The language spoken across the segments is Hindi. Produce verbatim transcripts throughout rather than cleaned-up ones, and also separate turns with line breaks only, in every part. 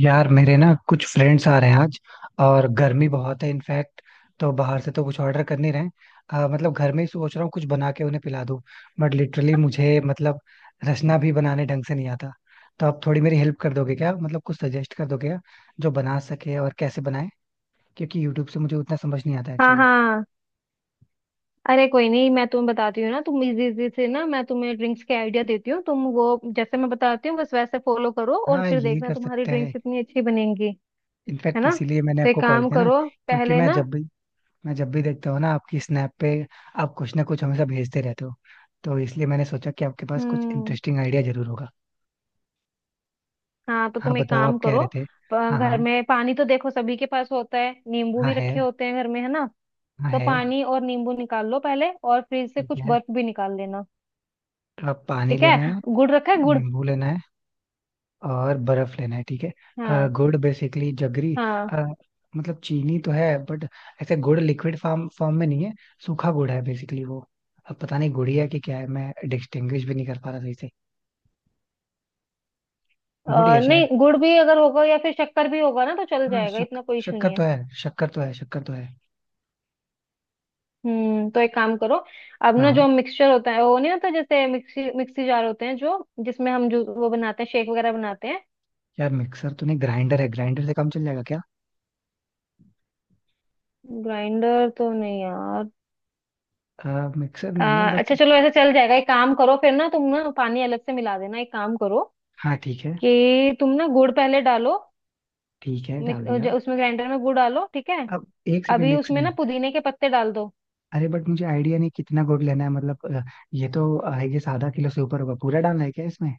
यार मेरे ना कुछ फ्रेंड्स आ रहे हैं आज। और गर्मी बहुत है इनफैक्ट। तो बाहर से तो कुछ ऑर्डर कर नहीं रहे हैं। अ, मतलब घर में ही सोच रहा हूँ कुछ बना के उन्हें पिला दूँ। बट लिटरली मुझे मतलब रसना भी बनाने ढंग से नहीं आता। तो आप थोड़ी मेरी हेल्प कर दोगे क्या? मतलब कुछ सजेस्ट कर दोगे क्या जो बना सके और कैसे बनाए? क्योंकि यूट्यूब से मुझे उतना समझ नहीं आता
हाँ
एक्चुअली।
हाँ। अरे कोई नहीं, मैं तुम्हें बताती हूँ ना, तुम इजी इजी से ना, मैं तुम्हें ड्रिंक्स के आइडिया देती हूँ, तुम वो जैसे मैं बताती हूँ बस वैसे फॉलो करो, और
हाँ,
फिर
ये
देखना
कर
तुम्हारी
सकते
ड्रिंक्स
हैं।
कितनी अच्छी बनेंगी। है
इनफैक्ट
ना?
इसीलिए मैंने
तो एक
आपको कॉल
काम
किया ना।
करो,
क्योंकि
पहले
मैं
ना।
जब भी मैं जब भी देखता हूँ ना आपकी स्नैप पे, आप कुछ ना कुछ हमेशा भेजते रहते हो। तो इसलिए मैंने सोचा कि आपके पास कुछ
हम्म।
इंटरेस्टिंग आइडिया जरूर होगा।
हाँ, तो
हाँ,
तुम एक
बताओ,
काम
आप कह
करो।
रहे थे।
प-
हाँ
घर
हाँ।
में पानी तो देखो सभी के पास होता है, नींबू
हाँ,
भी
है।
रखे होते हैं घर में, है ना?
हाँ,
तो
है।
पानी और नींबू निकाल लो पहले, और फ्रिज से
ठीक
कुछ
है।
बर्फ भी निकाल लेना।
तो आप, पानी
ठीक
लेना
है,
है,
गुड़ रखा है? गुड़।
नींबू लेना है, और बर्फ लेना है, ठीक है। अ,
हाँ
गुड़ बेसिकली जगरी।
हाँ।
अ, मतलब चीनी तो है, बट ऐसे गुड़ लिक्विड फॉर्म फॉर्म में नहीं है। सूखा गुड़ है बेसिकली वो। अब पता नहीं गुड़िया की क्या है, मैं डिस्टिंग्विश भी नहीं कर पा रहा सही से।
अ,
गुड़िया शायद।
नहीं, गुड़ भी अगर होगा या फिर शक्कर भी होगा ना, तो चल
हाँ,
जाएगा,
शक,
इतना कोई इशू
शक्कर
नहीं
तो
है।
है, शक्कर तो है, शक्कर तो है।
हम्म, तो एक काम करो। अब ना,
हाँ।
जो मिक्सचर होता है वो नहीं होता, जैसे मिक्सी मिक्सी जार होते हैं जो, जिसमें हम जो वो बनाते हैं, शेक वगैरह बनाते हैं।
यार मिक्सर तो नहीं, ग्राइंडर है, ग्राइंडर से काम चल जाएगा क्या?
ग्राइंडर तो नहीं यार।
आ, मिक्सर
अ,
नहीं है बट।
अच्छा चलो, ऐसा चल जाएगा, एक काम करो फिर ना, तुम ना पानी अलग से मिला देना। एक काम करो
हाँ, ठीक है।
कि तुम ना गुड़ पहले डालो।
ठीक है,
मिक-
डाल दिया।
ज- उसमें ग्राइंडर में गुड़ डालो, ठीक है?
अब एक सेकंड,
अभी
एक
उसमें ना
सेकंड।
पुदीने के पत्ते डाल दो।
अरे बट मुझे आइडिया नहीं कितना गुड़ लेना है, मतलब अ, ये तो आई गेस आधा किलो से ऊपर होगा, पूरा डालना है क्या इसमें?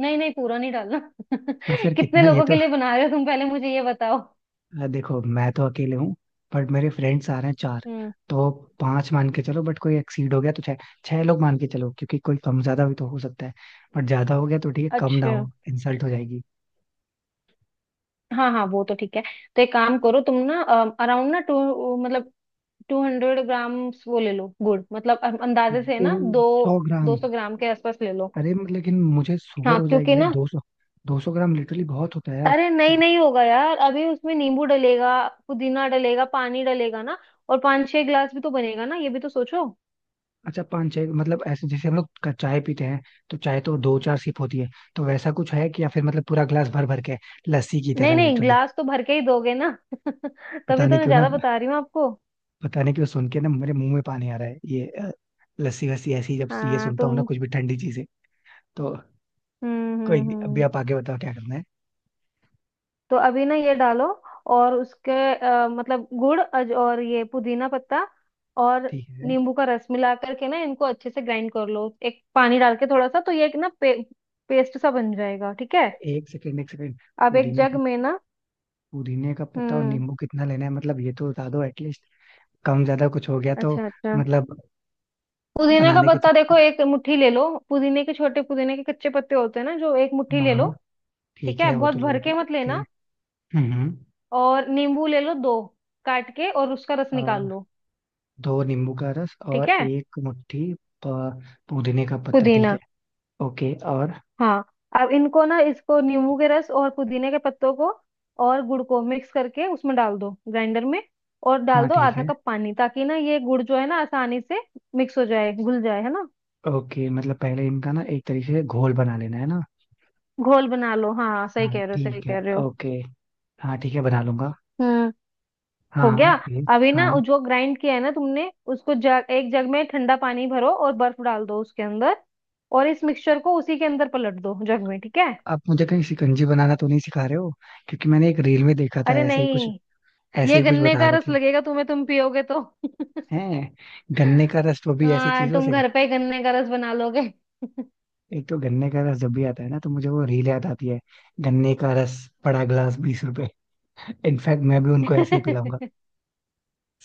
नहीं नहीं, पूरा नहीं डालना
तो फिर
कितने
कितना ये
लोगों के
तो।
लिए बना रहे हो तुम, पहले मुझे ये बताओ।
अ, देखो मैं तो अकेले हूँ, बट मेरे फ्रेंड्स आ रहे हैं चार।
हम्म।
तो पांच मान के चलो, बट कोई एक्सीड हो गया तो छह। छह लोग मान के चलो, क्योंकि कोई कम ज्यादा भी तो हो सकता है। बट ज्यादा हो गया तो ठीक है, कम ना
अच्छा,
हो, इंसल्ट हो जाएगी।
हाँ हाँ, वो तो ठीक है। तो एक काम करो तुम ना, अराउंड ना टू मतलब टू हंड्रेड ग्राम्स वो ले लो गुड़, मतलब अ- अंदाजे से
दो
ना, दो,
सौ
दो
ग्राम
सौ ग्राम के आसपास ले लो।
अरे म- लेकिन मुझे
हाँ
शुगर हो जाएगी
क्योंकि
भाई,
ना,
दो सौ। दो सौ ग्राम लिटरली बहुत होता है यार।
अरे नहीं नहीं होगा यार, अभी उसमें नींबू डलेगा, पुदीना डलेगा, पानी डलेगा ना, और पांच छह गिलास भी तो बनेगा ना, ये भी तो सोचो।
अच्छा, पाँच छः? मतलब ऐसे जैसे हम लोग क- चाय पीते हैं, तो चाय तो दो चार सिप होती है, तो वैसा कुछ है? कि या फिर मतलब पूरा ग्लास भर भर के है? लस्सी की
नहीं
तरह
नहीं,
लिटरली।
गिलास तो भर के ही दोगे ना
पता
तभी तो
नहीं
मैं
क्यों ना।
ज्यादा बता रही हूँ आपको।
पता नहीं क्यों सुन के ना मेरे मुंह में पानी आ रहा है ये अ, लस्सी वस्सी, ऐसी जब ये
हाँ
सुनता हूँ ना
तुम।
कुछ भी ठंडी चीजें। तो
हम्म
कोई
हम्म
नहीं, अभी
हम्म।
आप आगे बताओ क्या करना है।
तो अभी ना ये डालो, और उसके अ, मतलब गुड़ अज और ये पुदीना पत्ता और
ठीक है।
नींबू का रस मिला करके ना, इनको अच्छे से ग्राइंड कर लो, एक पानी डाल के थोड़ा सा, तो ये एक ना पे, पेस्ट सा बन जाएगा, ठीक है?
एक सेकेंड, एक सेकेंड।
अब एक
पुदीना
जग
का
में ना।
पुदीने का पत्ता और
हम्म।
नींबू कितना लेना है? मतलब ये तो बता दो एटलीस्ट। कम ज्यादा कुछ हो गया तो।
अच्छा अच्छा,
मतलब
पुदीना का
बनाने के
पत्ता देखो
चक्कर
एक मुट्ठी ले लो, पुदीने के छोटे पुदीने के कच्चे पत्ते होते हैं ना, जो एक मुट्ठी
में-
ले लो।
हाँ,
ठीक
ठीक
है,
है, वो
बहुत
तो ले
भर
लूंगा,
के मत
ओके।
लेना।
हम्म हम्म।
और नींबू ले लो दो, काट के, और उसका रस
अ,
निकाल लो।
दो नींबू का रस
ठीक
और
है,
एक मुट्ठी प- पुदीने का पत्ता, ठीक
पुदीना।
है। ओके, और?
हाँ, अब इनको ना, इसको नींबू के रस और पुदीने के पत्तों को और गुड़ को मिक्स करके उसमें डाल दो ग्राइंडर में, और डाल
हाँ,
दो
ठीक
आधा
है,
कप पानी, ताकि ना ये गुड़ जो है ना आसानी से मिक्स हो जाए, घुल जाए, है ना?
ओके। मतलब पहले इनका ना एक तरीके से घोल बना लेना है ना।
घोल बना लो, हाँ सही
हाँ,
कह रहे हो, सही
ठीक है।
कह रहे हो।
ओके। हाँ, ठीक है, बना लूंगा।
हम्म,
हाँ
हो
हाँ,
गया।
फिर?
अभी ना
हाँ,
जो ग्राइंड किया है ना तुमने, उसको जग, एक जग में ठंडा पानी भरो, और बर्फ डाल दो उसके अंदर, और इस मिक्सचर को उसी के अंदर पलट दो जग में, ठीक है?
आप मुझे कहीं शिकंजी बनाना तो नहीं सिखा रहे हो? क्योंकि मैंने एक रील में देखा था
अरे
ऐसे ही कुछ
नहीं,
ऐसे
ये
ही कुछ
गन्ने
बता
का
रहे
रस
थे।
लगेगा तुम्हें तुम पियोगे तो
हैं? गन्ने का रस, वो भी ऐसी
हाँ,
चीजों
तुम
से?
घर पे ही गन्ने का रस बना लोगे
एक तो गन्ने का रस जब भी आता है ना, तो मुझे वो रील याद आती है। गन्ने का रस, बड़ा ग्लास, बीस रुपए। इनफैक्ट मैं भी उनको ऐसे ही पिलाऊंगा,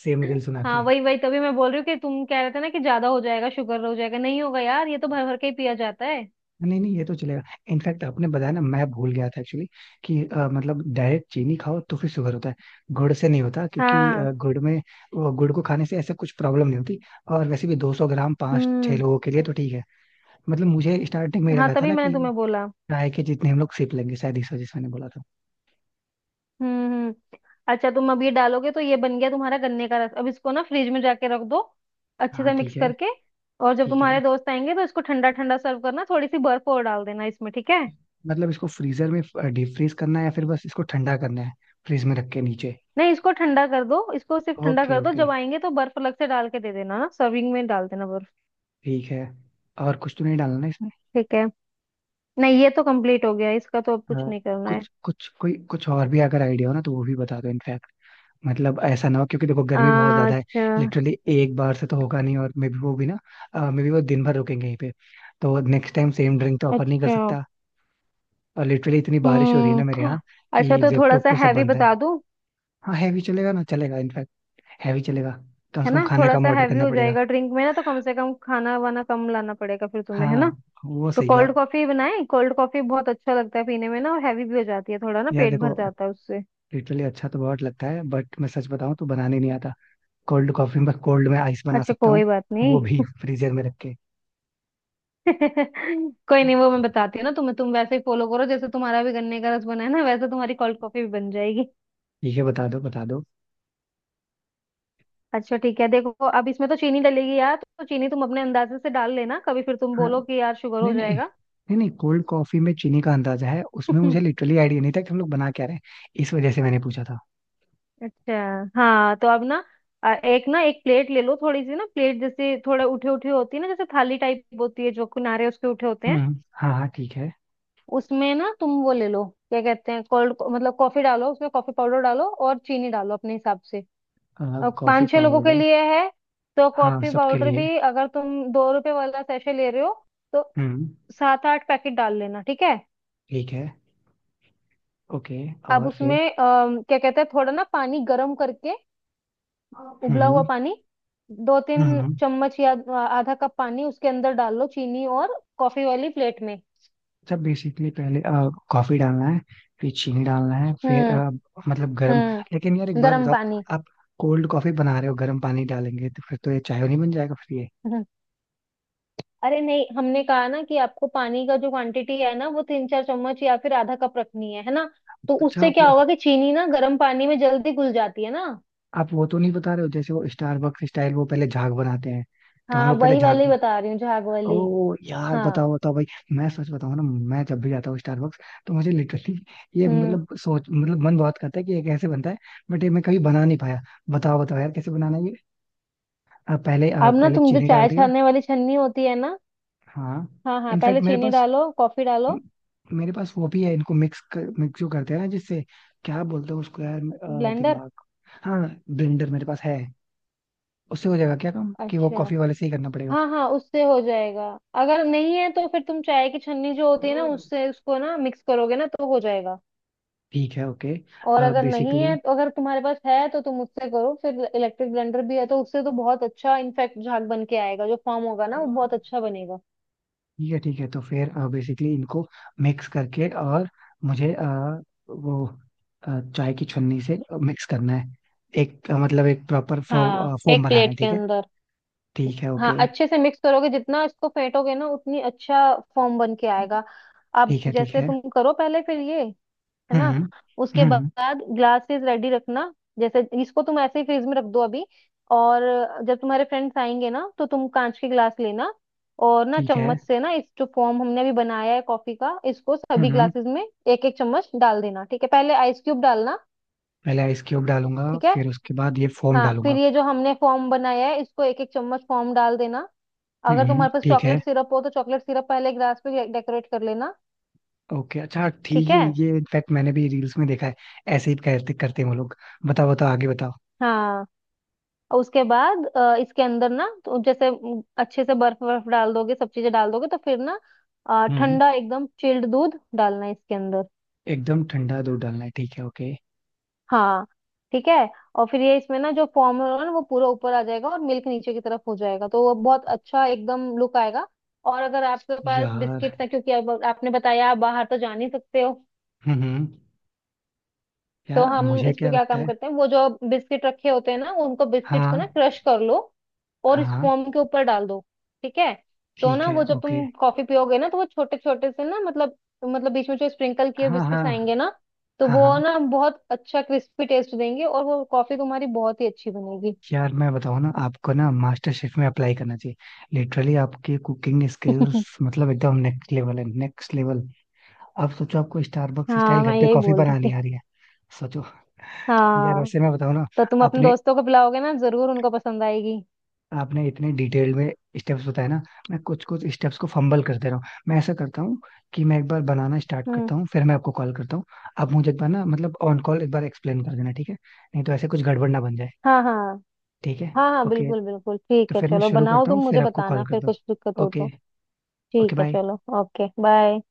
सेम रील सुना
हाँ
के।
वही वही, तभी मैं बोल रही हूँ कि तुम कह रहे थे ना कि ज्यादा हो जाएगा, शुगर हो जाएगा, नहीं होगा यार, ये तो भर भर के ही पिया जाता है।
नहीं नहीं, ये तो चलेगा। इनफैक्ट आपने बताया ना, मैं भूल गया था एक्चुअली कि अ, मतलब डायरेक्ट चीनी खाओ तो फिर शुगर होता है। गुड़ से नहीं होता, क्योंकि
हाँ।
अ, गुड़ में, वो गुड़ को खाने से ऐसे कुछ प्रॉब्लम नहीं होती। और वैसे भी दो सौ ग्राम पाँच छह
हम्म।
लोगों के लिए तो ठीक है। मतलब मुझे स्टार्टिंग में ही
हाँ
लगा था
तभी
ना
मैंने
कि
तुम्हें बोला।
ट्राई के जितने हम लोग सिप लेंगे, शायद इस वजह से मैंने बोला था।
हम्म हम्म। अच्छा तुम अब ये डालोगे तो ये बन गया तुम्हारा गन्ने का रस, अब इसको ना फ्रिज में जाके रख दो अच्छे
हाँ,
से मिक्स
ठीक है,
करके, और जब
ठीक है।
तुम्हारे दोस्त आएंगे तो इसको ठंडा ठंडा सर्व करना, थोड़ी सी बर्फ और डाल देना इसमें, ठीक है?
मतलब इसको फ्रीजर में डीप फ्रीज करना है, या फिर बस इसको ठंडा करना है, फ्रीज में रख के नीचे?
नहीं, इसको ठंडा कर दो, इसको सिर्फ ठंडा
ओके,
कर दो,
ओके,
जब आएंगे तो बर्फ अलग से डाल के दे देना ना, सर्विंग में डाल देना बर्फ।
ठीक है। और कुछ तो नहीं डालना ना इसमें?
ठीक है, नहीं ये तो कंप्लीट हो गया, इसका तो अब कुछ
हाँ,
नहीं करना है।
कुछ कुछ कोई कुछ और भी अगर आइडिया हो ना, तो वो भी बता दो इनफैक्ट। मतलब ऐसा ना हो, क्योंकि देखो गर्मी बहुत ज्यादा है।
अच्छा
लिटरली एक बार से तो होगा नहीं, और मे बी वो भी ना मे बी वो दिन भर रुकेंगे यहीं पे। तो नेक्स्ट टाइम सेम ड्रिंक तो ऑफर नहीं कर
अच्छा।
सकता। और लिटरली इतनी बारिश हो रही है ना मेरे
हम्म।
यहाँ,
अच्छा,
कि
तो थोड़ा
जेपटॉप
सा
तो सब
हैवी
बंद है।
बता दूं?
हाँ, हैवी चलेगा ना, चलेगा इनफैक्ट। हैवी चलेगा। तो कम से
है
कम
ना,
खाना
थोड़ा
कम
सा
ऑर्डर
हैवी
करना
हो
पड़ेगा।
जाएगा ड्रिंक में ना, तो कम से कम खाना वाना कम लाना पड़ेगा फिर तुम्हें, है
हाँ,
ना?
वो
तो
सही है
कोल्ड
आप।
कॉफी बनाएं? कोल्ड कॉफी बहुत अच्छा लगता है पीने में ना, और हैवी भी हो जाती है थोड़ा, ना
यार
पेट भर
देखो,
जाता है उससे।
लिटरली अच्छा तो बहुत लगता है, बट मैं सच बताऊं तो बनाने नहीं आता। कोल्ड कॉफी में, कोल्ड में आइस बना
अच्छा
सकता हूँ,
कोई बात
वो
नहीं
भी फ्रीजर में रख के।
कोई नहीं, वो मैं बताती हूँ ना तुम्हें, तुम वैसे ही फॉलो करो जैसे तुम्हारा भी गन्ने का रस बना है ना, वैसे तुम्हारी कोल्ड कॉफी भी बन जाएगी।
ठीक है, बता दो, बता दो।
अच्छा ठीक है देखो, अब इसमें तो चीनी डलेगी यार, तो चीनी तुम अपने अंदाजे से डाल लेना, कभी फिर तुम
हाँ।
बोलो कि यार शुगर हो
नहीं नहीं।
जाएगा
नहीं नहीं, कोल्ड कॉफी में चीनी का अंदाजा है, उसमें मुझे लिटरली आइडिया नहीं था कि हम लोग बना क्या रहे हैं। इस वजह से मैंने पूछा था।
अच्छा हाँ, तो अब ना अ, एक ना एक प्लेट ले लो थोड़ी सी ना, प्लेट जैसे थोड़े उठे उठे होती है ना, जैसे थाली टाइप होती है, जो किनारे उसके उठे होते हैं।
हम्म, हाँ हाँ, ठीक है।
उसमें ना तुम वो ले लो, क्या कहते हैं, कोल्ड मतलब कॉफी डालो, उसमें कॉफी पाउडर डालो और चीनी डालो अपने हिसाब से।
अ,
अब
कॉफी
पाँच छह लोगों के
पाउडर?
लिए है, तो
हाँ,
कॉफी
सबके
पाउडर भी
लिए।
अगर तुम दो रुपए वाला सैशे ले रहे हो, तो
हम्म।
सात आठ पैकेट डाल लेना, ठीक है?
ठीक है, ओके।
अब
और फिर?
उसमें अम, क्या कहते हैं, थोड़ा ना पानी गर्म करके, उबला हुआ
हम्म
पानी, दो तीन
हम्म।
चम्मच या आ- आधा कप पानी उसके अंदर डाल लो, चीनी और कॉफी वाली प्लेट में।
सब बेसिकली पहले अ, कॉफी डालना है, फिर चीनी डालना है, फिर
हम्म
अ, मतलब गरम।
हम्म।
लेकिन यार एक बात
गर्म
बताओ,
पानी।
आप कोल्ड कॉफी बना रहे हो, गर्म पानी डालेंगे तो फिर तो ये चाय नहीं बन जाएगा फिर ये?
अरे नहीं, हमने कहा ना कि आपको पानी का जो क्वांटिटी है ना, वो तीन चार चम्मच या फिर आधा कप रखनी है है ना? तो
अच्छा,
उससे
आप
क्या
वो
होगा कि चीनी ना गर्म पानी में जल्दी घुल जाती है ना।
आप वो तो नहीं बता रहे हो जैसे वो स्टारबक्स स्टाइल, वो पहले झाग बनाते हैं? तो हम
हाँ
लोग पहले
वही
झाग
वाली
ब-
बता रही हूँ, झाग वाली।
ओ यार,
हाँ।
बताओ बताओ भाई। मैं सच बताऊं ना, मैं जब भी जाता हूँ स्टारबक्स तो मुझे लिटरली ये
हम्म,
मतलब सोच, मतलब मन बहुत करता है कि ये कैसे बनता है। बट ये मैं कभी बना नहीं पाया। बताओ बताओ यार, कैसे बनाना है। अ, पहले अ,
अब ना
पहले
तुम जो
चीनी डाल
चाय
दिया?
छानने वाली छन्नी होती है ना,
हाँ,
हाँ हाँ, पहले
इनफैक्ट मेरे
चीनी
पास
डालो, कॉफी डालो।
म- मेरे पास वो भी है, इनको मिक्स कर, मिक्स जो करते हैं ना, जिससे, क्या बोलते हैं उसको यार, अ,
ब्लेंडर।
दिमाग। हाँ, ब्लेंडर मेरे पास है। उससे हो जाएगा क्या काम कि वो
अच्छा,
कॉफी वाले से ही करना पड़ेगा?
हाँ हाँ उससे हो जाएगा। अगर नहीं है तो फिर तुम चाय की छन्नी जो होती है ना उससे, उसको ना मिक्स करोगे ना तो हो जाएगा।
ठीक है, ओके।
और अगर नहीं
बेसिकली
है तो, अगर तुम्हारे पास है तो तुम उससे करो, फिर इलेक्ट्रिक ब्लेंडर भी है तो उससे तो बहुत अच्छा इनफेक्ट झाग बन के आएगा, जो फॉर्म होगा ना वो
ठीक
बहुत अच्छा बनेगा।
है, ठीक है, तो फिर बेसिकली इनको मिक्स करके, और मुझे अ, वो अ, चाय की छन्नी से मिक्स करना है, एक अ, मतलब एक प्रॉपर
हाँ,
फो, फॉर्म
एक
बनाना
प्लेट
है,
के
ठीक है।
अंदर।
ठीक है,
हाँ,
ओके,
अच्छे से मिक्स करोगे, जितना इसको फेंटोगे ना उतनी अच्छा फॉर्म बन के आएगा। अब
ठीक है, ठीक
जैसे
है।
तुम करो पहले फिर ये, है ना?
हम्म
उसके
हम्म,
बाद ग्लासेस रेडी रखना। जैसे इसको तुम ऐसे ही फ्रिज में रख दो अभी, और जब तुम्हारे फ्रेंड्स आएंगे ना, तो तुम कांच के ग्लास लेना, और ना
ठीक है,
चम्मच से ना इस जो फॉर्म हमने अभी बनाया है कॉफी का, इसको सभी
हम्म,
ग्लासेस में एक एक चम्मच डाल देना, ठीक है? पहले आइस क्यूब डालना।
पहले आइस क्यूब डालूंगा,
ठीक है।
फिर उसके बाद ये फोम
हाँ, फिर
डालूंगा।
ये जो हमने फॉर्म बनाया है इसको एक एक चम्मच फॉर्म डाल देना, अगर
हम्म,
तुम्हारे पास
ठीक है,
चॉकलेट सिरप हो तो चॉकलेट सिरप पहले ग्लास पे डेकोरेट कर लेना।
ओके, अच्छा
ठीक
ठीक है,
है।
ये इनफैक्ट मैंने भी रील्स में देखा है, ऐसे ही करते करते हैं वो लोग। बताओ बताओ, आगे बताओ।
हाँ, और उसके बाद अ, इसके अंदर ना तो जैसे म, अच्छे से बर्फ बर्फ डाल दोगे, सब चीजें डाल दोगे तो फिर ना अ,
हम्म,
ठंडा एकदम चिल्ड दूध डालना है इसके अंदर।
एकदम ठंडा दूध डालना है, ठीक है, ओके।
हाँ ठीक है। और फिर ये इसमें ना जो फॉर्म होगा ना वो पूरा ऊपर आ जाएगा और मिल्क नीचे की तरफ हो जाएगा, तो वो बहुत अच्छा एकदम लुक आएगा। और अगर आपके पास
यार,
बिस्किट्स हैं, क्योंकि आप, आपने बताया आप बाहर तो जा नहीं सकते हो,
हम्म,
तो
यार
हम
मुझे
इस पे
क्या
क्या
लगता
काम
है?
करते हैं, वो जो बिस्किट रखे होते हैं ना, उनको बिस्किट्स
हाँ
को ना क्रश कर लो और इस
हाँ,
फोम के ऊपर डाल दो, ठीक है? तो
ठीक
ना
है,
वो जब
ओके।
तुम कॉफी पियोगे ना, तो वो छोटे छोटे से ना मतलब, मतलब बीच में जो स्प्रिंकल किए
हाँ हाँ
बिस्किट्स आएंगे ना, तो
हाँ
वो
हाँ।
ना बहुत अच्छा क्रिस्पी टेस्ट देंगे, और वो कॉफी तुम्हारी बहुत ही अच्छी बनेगी।
यार मैं बताऊँ ना आपको, ना मास्टर शेफ में अप्लाई करना चाहिए। लिटरली आपकी कुकिंग स्किल्स मतलब एकदम नेक्स्ट लेवल है, नेक्स्ट लेवल। आप सोचो, आपको स्टारबक्स स्टाइल
हाँ मैं
घर पे
यही
कॉफी
बोल रही
बनानी
थी।
आ रही है। सोचो। यार
हाँ,
वैसे मैं बताऊँ ना,
तो तुम अपने
आपने
दोस्तों को पिलाओगे ना, जरूर उनको पसंद आएगी।
आपने इतने डिटेल में स्टेप्स बताए ना। मैं कुछ कुछ स्टेप्स को फंबल कर दे रहा हूँ। मैं ऐसा करता हूँ कि मैं एक बार बनाना स्टार्ट
हम्म।
करता हूँ, फिर मैं आपको कॉल करता हूँ। आप मुझे एक बार ना, मतलब ऑन कॉल एक बार एक्सप्लेन कर देना, ठीक है? नहीं तो ऐसे कुछ गड़बड़ ना बन जाए।
हाँ हाँ।
ठीक है,
हाँ हाँ
ओके।
बिल्कुल बिल्कुल,
तो
ठीक है
फिर मैं
चलो
शुरू
बनाओ,
करता
तुम
हूँ, फिर
मुझे
आपको
बताना
कॉल
फिर
करता हूँ।
कुछ दिक्कत हो
ओके।
तो। ठीक
ओके,
है
बाय।
चलो, ओके बाय।